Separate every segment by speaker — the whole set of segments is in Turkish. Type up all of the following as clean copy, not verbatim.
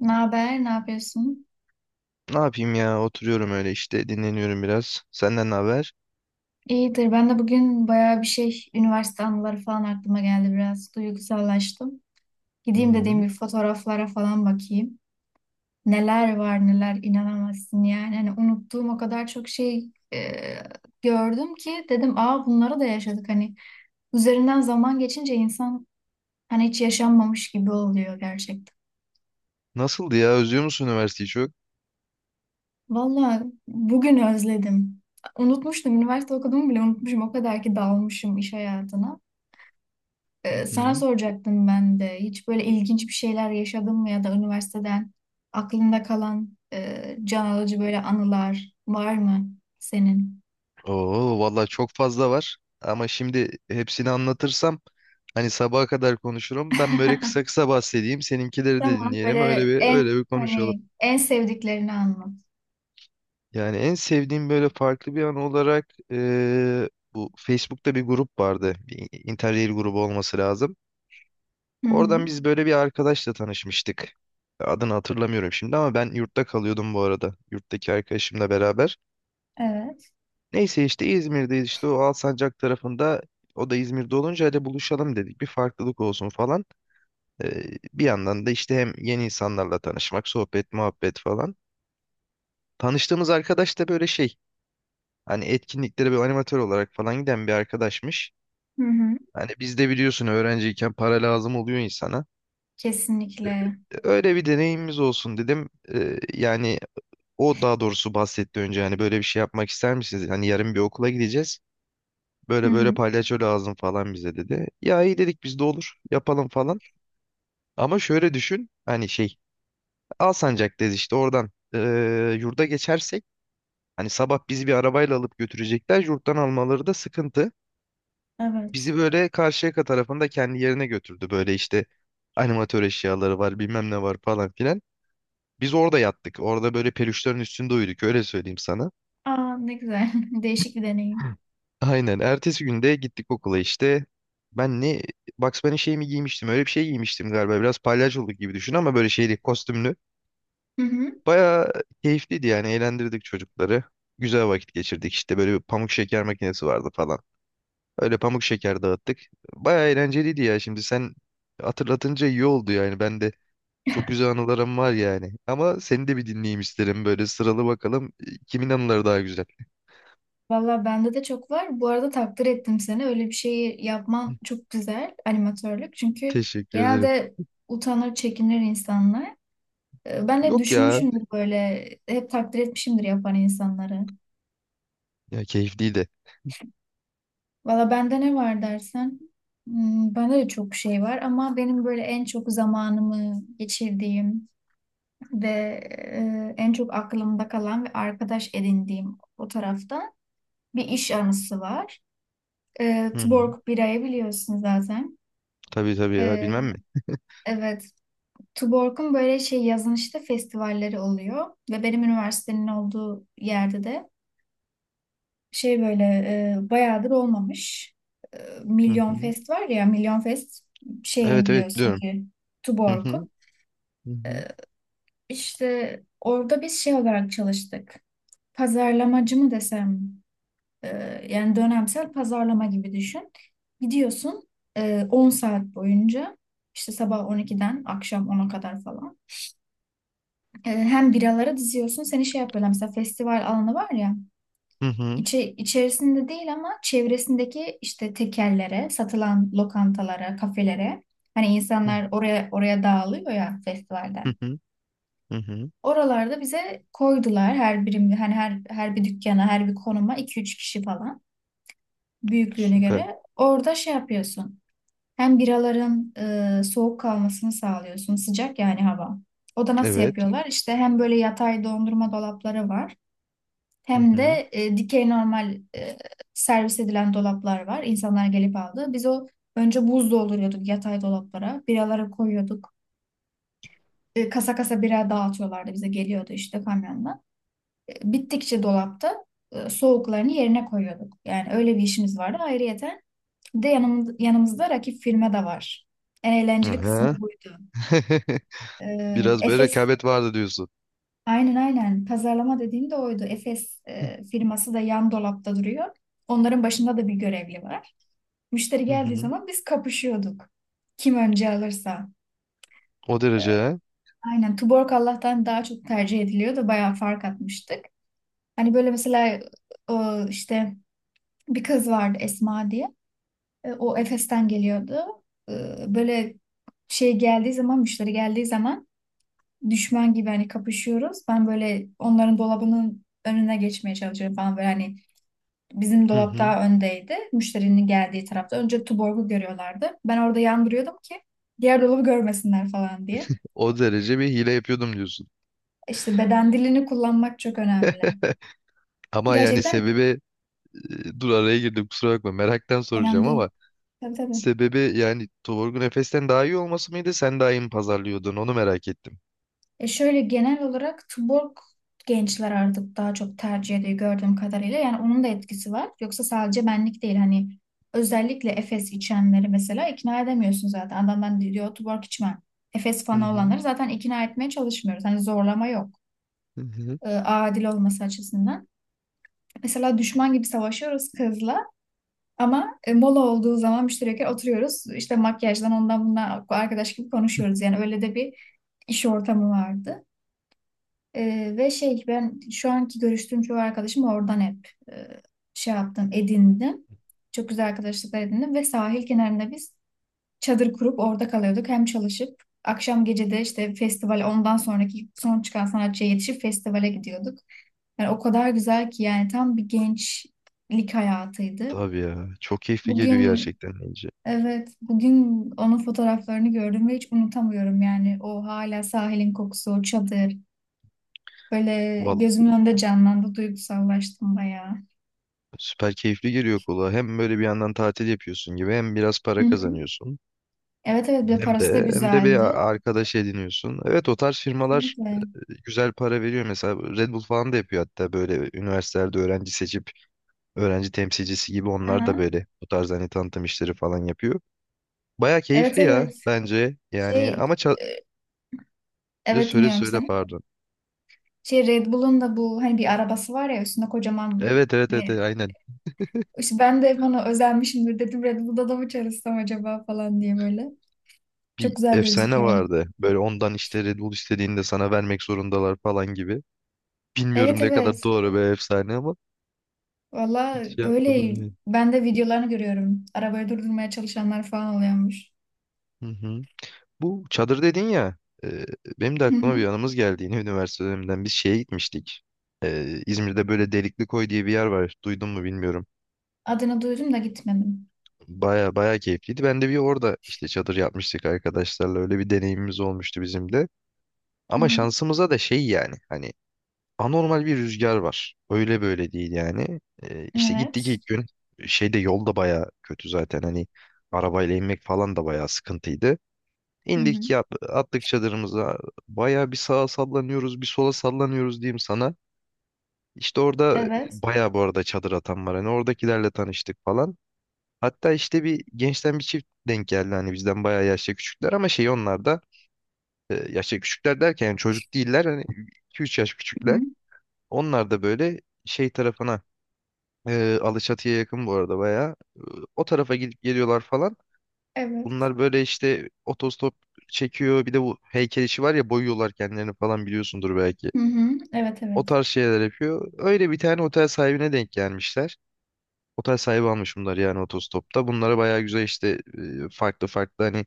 Speaker 1: Ne haber? Ne yapıyorsun?
Speaker 2: Ne yapayım ya? Oturuyorum öyle işte dinleniyorum biraz. Senden ne haber?
Speaker 1: İyidir. Ben de bugün bayağı bir şey, üniversite anıları falan aklıma geldi biraz. Duygusallaştım.
Speaker 2: Hı
Speaker 1: Gideyim dediğim
Speaker 2: hı.
Speaker 1: bir fotoğraflara falan bakayım. Neler var neler inanamazsın yani. Hani unuttuğum o kadar çok şey gördüm ki dedim aa bunları da yaşadık hani. Üzerinden zaman geçince insan hani hiç yaşanmamış gibi oluyor gerçekten.
Speaker 2: Nasıldı ya? Özlüyor musun üniversiteyi çok?
Speaker 1: Valla bugün özledim. Unutmuştum. Üniversite okuduğumu bile unutmuşum. O kadar ki dalmışım iş hayatına.
Speaker 2: Hı
Speaker 1: Sana
Speaker 2: hı.
Speaker 1: soracaktım ben de. Hiç böyle ilginç bir şeyler yaşadın mı ya da üniversiteden aklında kalan can alıcı böyle anılar var mı senin?
Speaker 2: Oo vallahi çok fazla var. Ama şimdi hepsini anlatırsam hani sabaha kadar konuşurum. Ben böyle kısa kısa bahsedeyim. Seninkileri de
Speaker 1: Tamam
Speaker 2: dinleyelim. Öyle
Speaker 1: böyle
Speaker 2: bir
Speaker 1: en
Speaker 2: öyle bir konuşalım.
Speaker 1: hani en sevdiklerini anlat.
Speaker 2: Yani en sevdiğim böyle farklı bir an olarak bu Facebook'ta bir grup vardı. Bir Interrail grubu olması lazım.
Speaker 1: Hı hı.
Speaker 2: Oradan biz böyle bir arkadaşla tanışmıştık. Adını hatırlamıyorum şimdi ama ben yurtta kalıyordum bu arada. Yurttaki arkadaşımla beraber.
Speaker 1: Evet.
Speaker 2: Neyse işte İzmir'deyiz işte o Alsancak tarafında. O da İzmir'de olunca hadi buluşalım dedik. Bir farklılık olsun falan. Ee, Bir yandan da işte hem yeni insanlarla tanışmak, sohbet, muhabbet falan. Tanıştığımız arkadaş da böyle şey. Hani etkinliklere bir animatör olarak falan giden bir arkadaşmış.
Speaker 1: Hı hı.
Speaker 2: Hani biz de biliyorsun öğrenciyken para lazım oluyor insana.
Speaker 1: Kesinlikle.
Speaker 2: Öyle bir deneyimimiz olsun dedim. Yani o daha doğrusu bahsetti önce, hani böyle bir şey yapmak ister misiniz? Hani yarın bir okula gideceğiz.
Speaker 1: Hı
Speaker 2: Böyle böyle
Speaker 1: hı.
Speaker 2: palyaço lazım falan bize dedi. Ya iyi dedik biz de, olur yapalım falan. Ama şöyle düşün, hani şey, Alsancak'tayız işte oradan yurda geçersek hani sabah bizi bir arabayla alıp götürecekler, yurttan almaları da sıkıntı.
Speaker 1: Evet.
Speaker 2: Bizi böyle Karşıyaka tarafında kendi yerine götürdü, böyle işte animatör eşyaları var bilmem ne var falan filan. Biz orada yattık, orada böyle peluşların üstünde uyuduk öyle söyleyeyim sana.
Speaker 1: Aa ne güzel. Değişik bir deneyim.
Speaker 2: Aynen. Ertesi günde gittik okula işte. Ben ne Bugs Bunny şey mi giymiştim? Öyle bir şey giymiştim galiba. Biraz palyaçoluk gibi düşün ama böyle şeyli, kostümlü.
Speaker 1: Hı hı.
Speaker 2: Baya keyifliydi yani. Eğlendirdik çocukları. Güzel vakit geçirdik işte. Böyle bir pamuk şeker makinesi vardı falan. Öyle pamuk şeker dağıttık. Baya eğlenceliydi ya. Şimdi sen hatırlatınca iyi oldu yani. Ben de çok güzel anılarım var yani. Ama seni de bir dinleyeyim isterim. Böyle sıralı bakalım. Kimin anıları daha güzel?
Speaker 1: Valla bende de çok var. Bu arada takdir ettim seni. Öyle bir şeyi yapman çok güzel animatörlük. Çünkü
Speaker 2: Teşekkür ederim.
Speaker 1: genelde utanır, çekinir insanlar. Ben hep
Speaker 2: Yok ya.
Speaker 1: düşünmüşümdür böyle. Hep takdir etmişimdir yapan insanları.
Speaker 2: Ya keyifliydi.
Speaker 1: Valla bende ne var dersen. Bende de çok şey var ama benim böyle en çok zamanımı geçirdiğim ve en çok aklımda kalan ve arkadaş edindiğim o tarafta bir iş anısı var.
Speaker 2: Hı hı.
Speaker 1: Tuborg birayı biliyorsun zaten.
Speaker 2: Tabii tabii ya,
Speaker 1: Ee,
Speaker 2: bilmem mi?
Speaker 1: evet. Tuborg'un böyle şey yazın işte festivalleri oluyor ve benim üniversitenin olduğu yerde de şey böyle bayağıdır olmamış. E,
Speaker 2: Hı
Speaker 1: Milyon
Speaker 2: hı.
Speaker 1: Fest var ya Milyon Fest şeyin
Speaker 2: Evet evet
Speaker 1: biliyorsun
Speaker 2: diyorum.
Speaker 1: ki
Speaker 2: Hı hı.
Speaker 1: Tuborg'un.
Speaker 2: Hı hı.
Speaker 1: İşte orada biz şey olarak çalıştık. Pazarlamacı mı desem e, yani dönemsel pazarlama gibi düşün. Gidiyorsun 10 saat boyunca işte sabah 12'den akşam 10'a kadar falan. Hem biralara diziyorsun seni şey yapıyorlar mesela festival alanı var ya
Speaker 2: Hı hı.
Speaker 1: içerisinde değil ama çevresindeki işte tekerlere satılan lokantalara kafelere hani
Speaker 2: Hı
Speaker 1: insanlar oraya dağılıyor ya
Speaker 2: hı.
Speaker 1: festivalden
Speaker 2: Hı hı.
Speaker 1: oralarda bize koydular her birim hani her bir dükkana her bir konuma iki üç kişi falan büyüklüğüne
Speaker 2: Süper.
Speaker 1: göre orada şey yapıyorsun hem biraların soğuk kalmasını sağlıyorsun sıcak yani hava o da nasıl
Speaker 2: Evet.
Speaker 1: yapıyorlar? İşte hem böyle yatay dondurma dolapları var.
Speaker 2: Hı
Speaker 1: Hem
Speaker 2: hı.
Speaker 1: de dikey normal servis edilen dolaplar var. İnsanlar gelip aldı. Biz o önce buz dolduruyorduk yatay dolaplara. Biraları koyuyorduk. Kasa kasa bira dağıtıyorlardı bize geliyordu işte kamyonla. Bittikçe dolapta soğuklarını yerine koyuyorduk. Yani öyle bir işimiz vardı. Ayrıyeten bir de yanımızda rakip firma da var. En eğlenceli kısmı
Speaker 2: Aha.
Speaker 1: buydu. E,
Speaker 2: Biraz böyle
Speaker 1: Efes,
Speaker 2: rekabet vardı diyorsun.
Speaker 1: aynen aynen pazarlama dediğim de oydu. Efes firması da yan dolapta duruyor. Onların başında da bir görevli var. Müşteri
Speaker 2: Hı
Speaker 1: geldiği
Speaker 2: hı.
Speaker 1: zaman biz kapışıyorduk. Kim önce alırsa.
Speaker 2: O
Speaker 1: Ee,
Speaker 2: derece ha?
Speaker 1: aynen Tuborg Allah'tan daha çok tercih ediliyordu. Bayağı fark atmıştık. Hani böyle mesela işte bir kız vardı Esma diye. O Efes'ten geliyordu. E, Böyle müşteri geldiği zaman düşman gibi hani kapışıyoruz. Ben böyle onların dolabının önüne geçmeye çalışıyorum falan böyle hani bizim
Speaker 2: Hı
Speaker 1: dolap
Speaker 2: hı.
Speaker 1: daha öndeydi. Müşterinin geldiği tarafta. Önce Tuborg'u görüyorlardı. Ben orada yandırıyordum ki diğer dolabı görmesinler falan diye.
Speaker 2: O derece bir hile yapıyordum diyorsun.
Speaker 1: İşte beden dilini kullanmak çok önemli.
Speaker 2: Ama yani
Speaker 1: Gerçekten
Speaker 2: sebebi, dur araya girdim kusura bakma, meraktan
Speaker 1: önemli
Speaker 2: soracağım ama
Speaker 1: değil. Tabii tabii.
Speaker 2: sebebi, yani Torgun Efes'ten daha iyi olması mıydı, sen daha iyi mi pazarlıyordun, onu merak ettim.
Speaker 1: E şöyle genel olarak Tuborg gençler artık daha çok tercih ediyor gördüğüm kadarıyla. Yani onun da etkisi var. Yoksa sadece benlik değil. Hani özellikle Efes içenleri mesela ikna edemiyorsun zaten. Adam ben diyor Tuborg içmem. Efes
Speaker 2: Hı
Speaker 1: fanı
Speaker 2: hı.
Speaker 1: olanları zaten ikna etmeye çalışmıyoruz. Hani zorlama yok.
Speaker 2: Hı hı.
Speaker 1: Adil olması açısından. Mesela düşman gibi savaşıyoruz kızla ama mola olduğu zaman müşterekler oturuyoruz. İşte makyajdan ondan bundan arkadaş gibi konuşuyoruz. Yani öyle de bir iş ortamı vardı. Ve şey ben şu anki görüştüğüm çoğu arkadaşım oradan hep şey yaptım, edindim. Çok güzel arkadaşlıklar edindim ve sahil kenarında biz çadır kurup orada kalıyorduk. Hem çalışıp akşam gece de işte festival ondan sonraki son çıkan sanatçıya yetişip festivale gidiyorduk. Yani o kadar güzel ki yani tam bir gençlik hayatıydı.
Speaker 2: Tabii ya. Çok keyifli geliyor
Speaker 1: Bugün
Speaker 2: gerçekten deyince.
Speaker 1: evet bugün onun fotoğraflarını gördüm ve hiç unutamıyorum yani o hala sahilin kokusu, o çadır böyle
Speaker 2: Vallahi
Speaker 1: gözümün önünde canlandı, duygusallaştım bayağı.
Speaker 2: süper keyifli geliyor kulağa. Hem böyle bir yandan tatil yapıyorsun gibi hem biraz
Speaker 1: Hı
Speaker 2: para
Speaker 1: hı.
Speaker 2: kazanıyorsun.
Speaker 1: Evet evet, bir de
Speaker 2: Hem
Speaker 1: parası da
Speaker 2: de hem de bir
Speaker 1: güzeldi.
Speaker 2: arkadaş ediniyorsun. Evet, o tarz firmalar
Speaker 1: Kesinlikle.
Speaker 2: güzel para veriyor. Mesela Red Bull falan da yapıyor hatta, böyle üniversitelerde öğrenci seçip öğrenci temsilcisi gibi onlar da
Speaker 1: Aha.
Speaker 2: böyle bu tarz hani tanıtım işleri falan yapıyor. Baya
Speaker 1: Evet
Speaker 2: keyifli ya
Speaker 1: evet.
Speaker 2: bence. Yani
Speaker 1: Şey
Speaker 2: ama
Speaker 1: e, evet
Speaker 2: söyle
Speaker 1: dinliyorum
Speaker 2: söyle
Speaker 1: seni.
Speaker 2: pardon.
Speaker 1: Şey Red Bull'un da bu hani bir arabası var ya üstünde kocaman
Speaker 2: Evet evet evet
Speaker 1: e,
Speaker 2: evet, aynen.
Speaker 1: işte ben de bana özenmişimdir dedim Red Bull'da da mı çalışsam acaba falan diye böyle. Çok
Speaker 2: Bir
Speaker 1: güzel
Speaker 2: efsane
Speaker 1: gözüküyor.
Speaker 2: vardı. Böyle ondan işte Red Bull istediğinde sana vermek zorundalar falan gibi.
Speaker 1: Evet
Speaker 2: Bilmiyorum ne kadar
Speaker 1: evet.
Speaker 2: doğru bir efsane ama
Speaker 1: Valla
Speaker 2: hiç şey yapmadım
Speaker 1: öyle,
Speaker 2: yani.
Speaker 1: ben de videolarını görüyorum. Arabayı durdurmaya çalışanlar falan oluyormuş.
Speaker 2: Hı hı. Bu çadır dedin ya. e, Benim de
Speaker 1: Hı
Speaker 2: aklıma bir
Speaker 1: hı.
Speaker 2: anımız geldi yine üniversite döneminden. Biz şeye gitmiştik. İzmir'de böyle Delikli Koy diye bir yer var. Duydun mu bilmiyorum.
Speaker 1: Adını duydum da gitmedim.
Speaker 2: Baya baya keyifliydi. Ben de bir orada işte çadır yapmıştık arkadaşlarla. Öyle bir deneyimimiz olmuştu bizim de.
Speaker 1: Hı
Speaker 2: Ama
Speaker 1: hı.
Speaker 2: şansımıza da şey yani. Hani anormal bir rüzgar var. Öyle böyle değil yani. İşte gittik
Speaker 1: Evet.
Speaker 2: ilk gün şeyde, yol da baya kötü zaten hani, arabayla inmek falan da baya sıkıntıydı.
Speaker 1: Hı hı.
Speaker 2: İndik yat, attık çadırımıza, baya bir sağa sallanıyoruz bir sola sallanıyoruz diyeyim sana. İşte orada
Speaker 1: Evet.
Speaker 2: baya, bu arada çadır atan var hani, oradakilerle tanıştık falan. Hatta işte bir gençten bir çift denk geldi, hani bizden baya yaşça küçükler ama şey onlar da, yaşça küçükler derken yani çocuk değiller hani, iki üç yaş
Speaker 1: Hı hı.
Speaker 2: küçükler. Onlar da böyle şey tarafına, Alaçatı'ya yakın bu arada bayağı. E, O tarafa gidip geliyorlar falan.
Speaker 1: Evet.
Speaker 2: Bunlar böyle işte otostop çekiyor. Bir de bu heykel işi var ya, boyuyorlar kendilerini falan, biliyorsundur belki.
Speaker 1: Hı hı. Evet
Speaker 2: O
Speaker 1: evet.
Speaker 2: tarz şeyler yapıyor. Öyle bir tane otel sahibine denk gelmişler. Otel sahibi almış bunlar yani otostopta. Bunlara bayağı güzel işte farklı farklı hani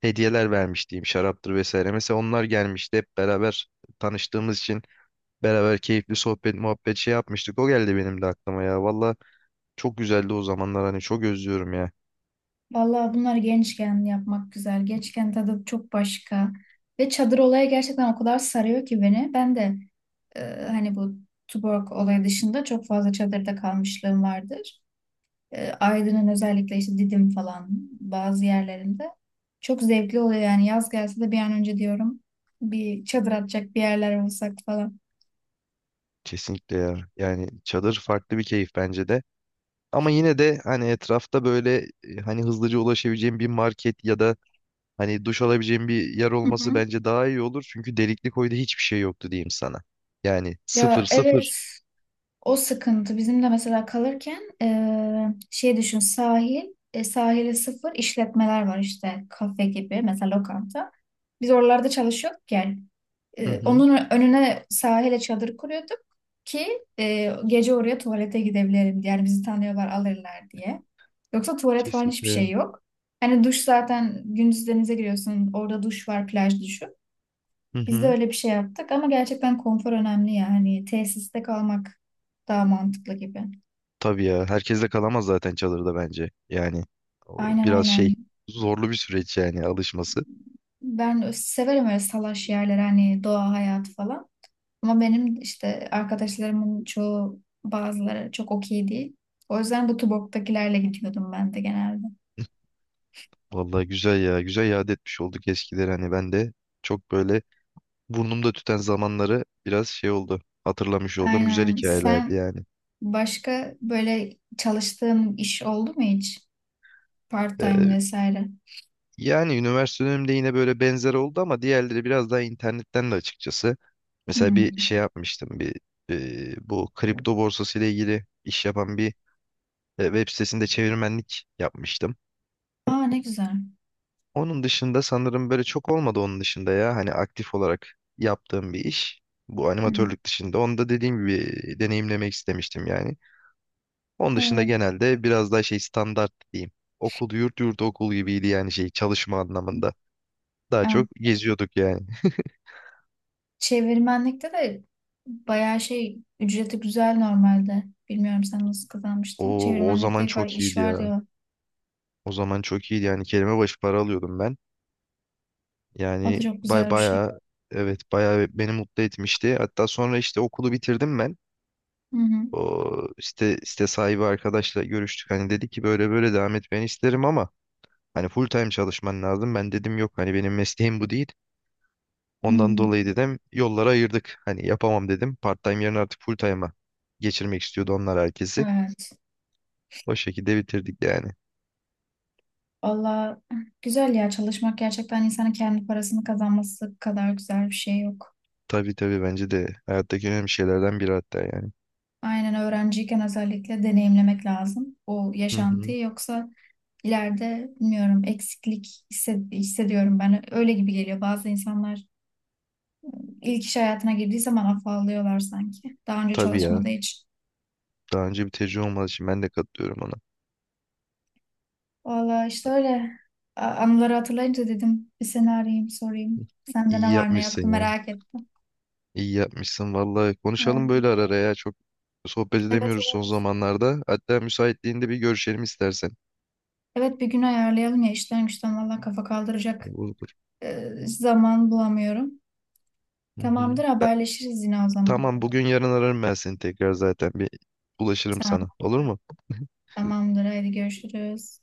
Speaker 2: hediyeler vermiş diyeyim, şaraptır vesaire. Mesela onlar gelmişti hep beraber, tanıştığımız için beraber keyifli sohbet muhabbet şey yapmıştık. O geldi benim de aklıma ya. Valla çok güzeldi o zamanlar, hani çok özlüyorum ya.
Speaker 1: Vallahi bunları gençken yapmak güzel. Gençken tadı çok başka. Ve çadır olayı gerçekten o kadar sarıyor ki beni. Ben de e, hani bu Tuborg olayı dışında çok fazla çadırda kalmışlığım vardır. Aydın'ın özellikle işte Didim falan bazı yerlerinde. Çok zevkli oluyor yani yaz gelse de bir an önce diyorum bir çadır atacak bir yerler olsak falan.
Speaker 2: Kesinlikle ya. Yani çadır farklı bir keyif bence de. Ama yine de hani etrafta böyle hani hızlıca ulaşabileceğim bir market ya da hani duş alabileceğim bir yer
Speaker 1: Hı
Speaker 2: olması
Speaker 1: hı.
Speaker 2: bence daha iyi olur. Çünkü delikli koyda hiçbir şey yoktu diyeyim sana. Yani sıfır
Speaker 1: Ya
Speaker 2: sıfır.
Speaker 1: evet, o sıkıntı bizim de mesela kalırken şey düşün sahil sahili sıfır işletmeler var işte kafe gibi mesela lokanta. Biz oralarda çalışıyorduk yani.
Speaker 2: Hı hı.
Speaker 1: Onun önüne sahile çadır kuruyorduk ki gece oraya tuvalete gidebilirim diye. Yani bizi tanıyorlar alırlar diye. Yoksa tuvalet falan hiçbir şey
Speaker 2: Kesinlikle.
Speaker 1: yok. Hani duş zaten gündüz denize giriyorsun orada duş var plaj duşu.
Speaker 2: Hı
Speaker 1: Biz de
Speaker 2: hı.
Speaker 1: öyle bir şey yaptık ama gerçekten konfor önemli ya. Hani tesiste kalmak daha mantıklı gibi.
Speaker 2: Tabii ya. Herkes de kalamaz zaten çadırda bence. Yani o
Speaker 1: Aynen
Speaker 2: biraz
Speaker 1: aynen.
Speaker 2: şey, zorlu bir süreç yani alışması.
Speaker 1: Ben severim öyle salaş yerler hani doğa hayatı falan. Ama benim işte arkadaşlarımın çoğu bazıları çok okey değil. O yüzden bu Tuborg'dakilerle gidiyordum ben de genelde.
Speaker 2: Vallahi güzel ya. Güzel yad etmiş olduk eskileri, hani ben de çok böyle, burnumda tüten zamanları biraz şey oldu. Hatırlamış oldum. Güzel
Speaker 1: Aynen.
Speaker 2: hikayelerdi
Speaker 1: Sen
Speaker 2: yani.
Speaker 1: başka böyle çalıştığın iş oldu mu hiç?
Speaker 2: Ee,
Speaker 1: Part-time vesaire.
Speaker 2: Yani üniversite dönemimde yine böyle benzer oldu ama diğerleri biraz daha internetten de açıkçası. Mesela bir
Speaker 1: Hmm.
Speaker 2: şey yapmıştım. Bir bu kripto borsası ile ilgili iş yapan bir web sitesinde çevirmenlik yapmıştım.
Speaker 1: Aa ne güzel.
Speaker 2: Onun dışında sanırım böyle çok olmadı onun dışında ya. Hani aktif olarak yaptığım bir iş. Bu
Speaker 1: Hmm.
Speaker 2: animatörlük dışında. Onu da dediğim gibi deneyimlemek istemiştim yani. Onun dışında genelde biraz daha şey, standart diyeyim. Okul yurt yurt okul gibiydi yani şey çalışma anlamında. Daha
Speaker 1: Evet.
Speaker 2: çok geziyorduk yani.
Speaker 1: Çevirmenlikte de bayağı şey ücreti güzel normalde. Bilmiyorum sen nasıl kazanmıştın.
Speaker 2: O o
Speaker 1: Çevirmenlikte
Speaker 2: zaman
Speaker 1: hep var,
Speaker 2: çok
Speaker 1: iş
Speaker 2: iyiydi
Speaker 1: var
Speaker 2: ya.
Speaker 1: diyor.
Speaker 2: O zaman çok iyiydi yani, kelime başı para alıyordum ben.
Speaker 1: O da
Speaker 2: Yani
Speaker 1: çok
Speaker 2: bay
Speaker 1: güzel bir şey.
Speaker 2: bayağı evet bayağı beni mutlu etmişti. Hatta sonra işte okulu bitirdim ben.
Speaker 1: Hı hı.
Speaker 2: O site sahibi arkadaşla görüştük. Hani dedi ki böyle böyle devam etmeni isterim ama hani full time çalışman lazım. Ben dedim yok hani benim mesleğim bu değil.
Speaker 1: Hı
Speaker 2: Ondan
Speaker 1: hı.
Speaker 2: dolayı dedim yollara ayırdık. Hani yapamam dedim. Part-time yerine artık full-time'a geçirmek istiyordu onlar herkesi.
Speaker 1: Evet.
Speaker 2: O şekilde bitirdik yani.
Speaker 1: Valla güzel ya, çalışmak gerçekten insanın kendi parasını kazanması kadar güzel bir şey yok.
Speaker 2: Tabii tabii bence de hayattaki önemli şeylerden biri hatta yani.
Speaker 1: Aynen öğrenciyken özellikle deneyimlemek lazım o
Speaker 2: Hı hı.
Speaker 1: yaşantıyı yoksa ileride bilmiyorum eksiklik hissediyorum ben öyle gibi geliyor, bazı insanlar ilk iş hayatına girdiği zaman afallıyorlar sanki. Daha önce
Speaker 2: Tabii ya.
Speaker 1: çalışmadığı için.
Speaker 2: Daha önce bir tecrübe olmadığı için ben de katılıyorum ona.
Speaker 1: Valla işte öyle. Anıları hatırlayınca dedim bir seni arayayım sorayım. Sende
Speaker 2: İyi
Speaker 1: ne var ne yoktu
Speaker 2: yapmışsın ya.
Speaker 1: merak ettim.
Speaker 2: İyi yapmışsın vallahi. Konuşalım
Speaker 1: Ee,
Speaker 2: böyle ara ara ya. Çok sohbet
Speaker 1: Evet
Speaker 2: edemiyoruz son
Speaker 1: evet.
Speaker 2: zamanlarda. Hatta müsaitliğinde bir görüşelim istersen.
Speaker 1: Evet bir gün ayarlayalım ya işten güçten valla kafa kaldıracak
Speaker 2: Olur.
Speaker 1: zaman bulamıyorum.
Speaker 2: Hı hı.
Speaker 1: Tamamdır haberleşiriz yine o zaman.
Speaker 2: Tamam, bugün yarın ararım ben seni tekrar zaten. Bir ulaşırım sana.
Speaker 1: Tamam
Speaker 2: Olur mu?
Speaker 1: tamamdır hadi görüşürüz.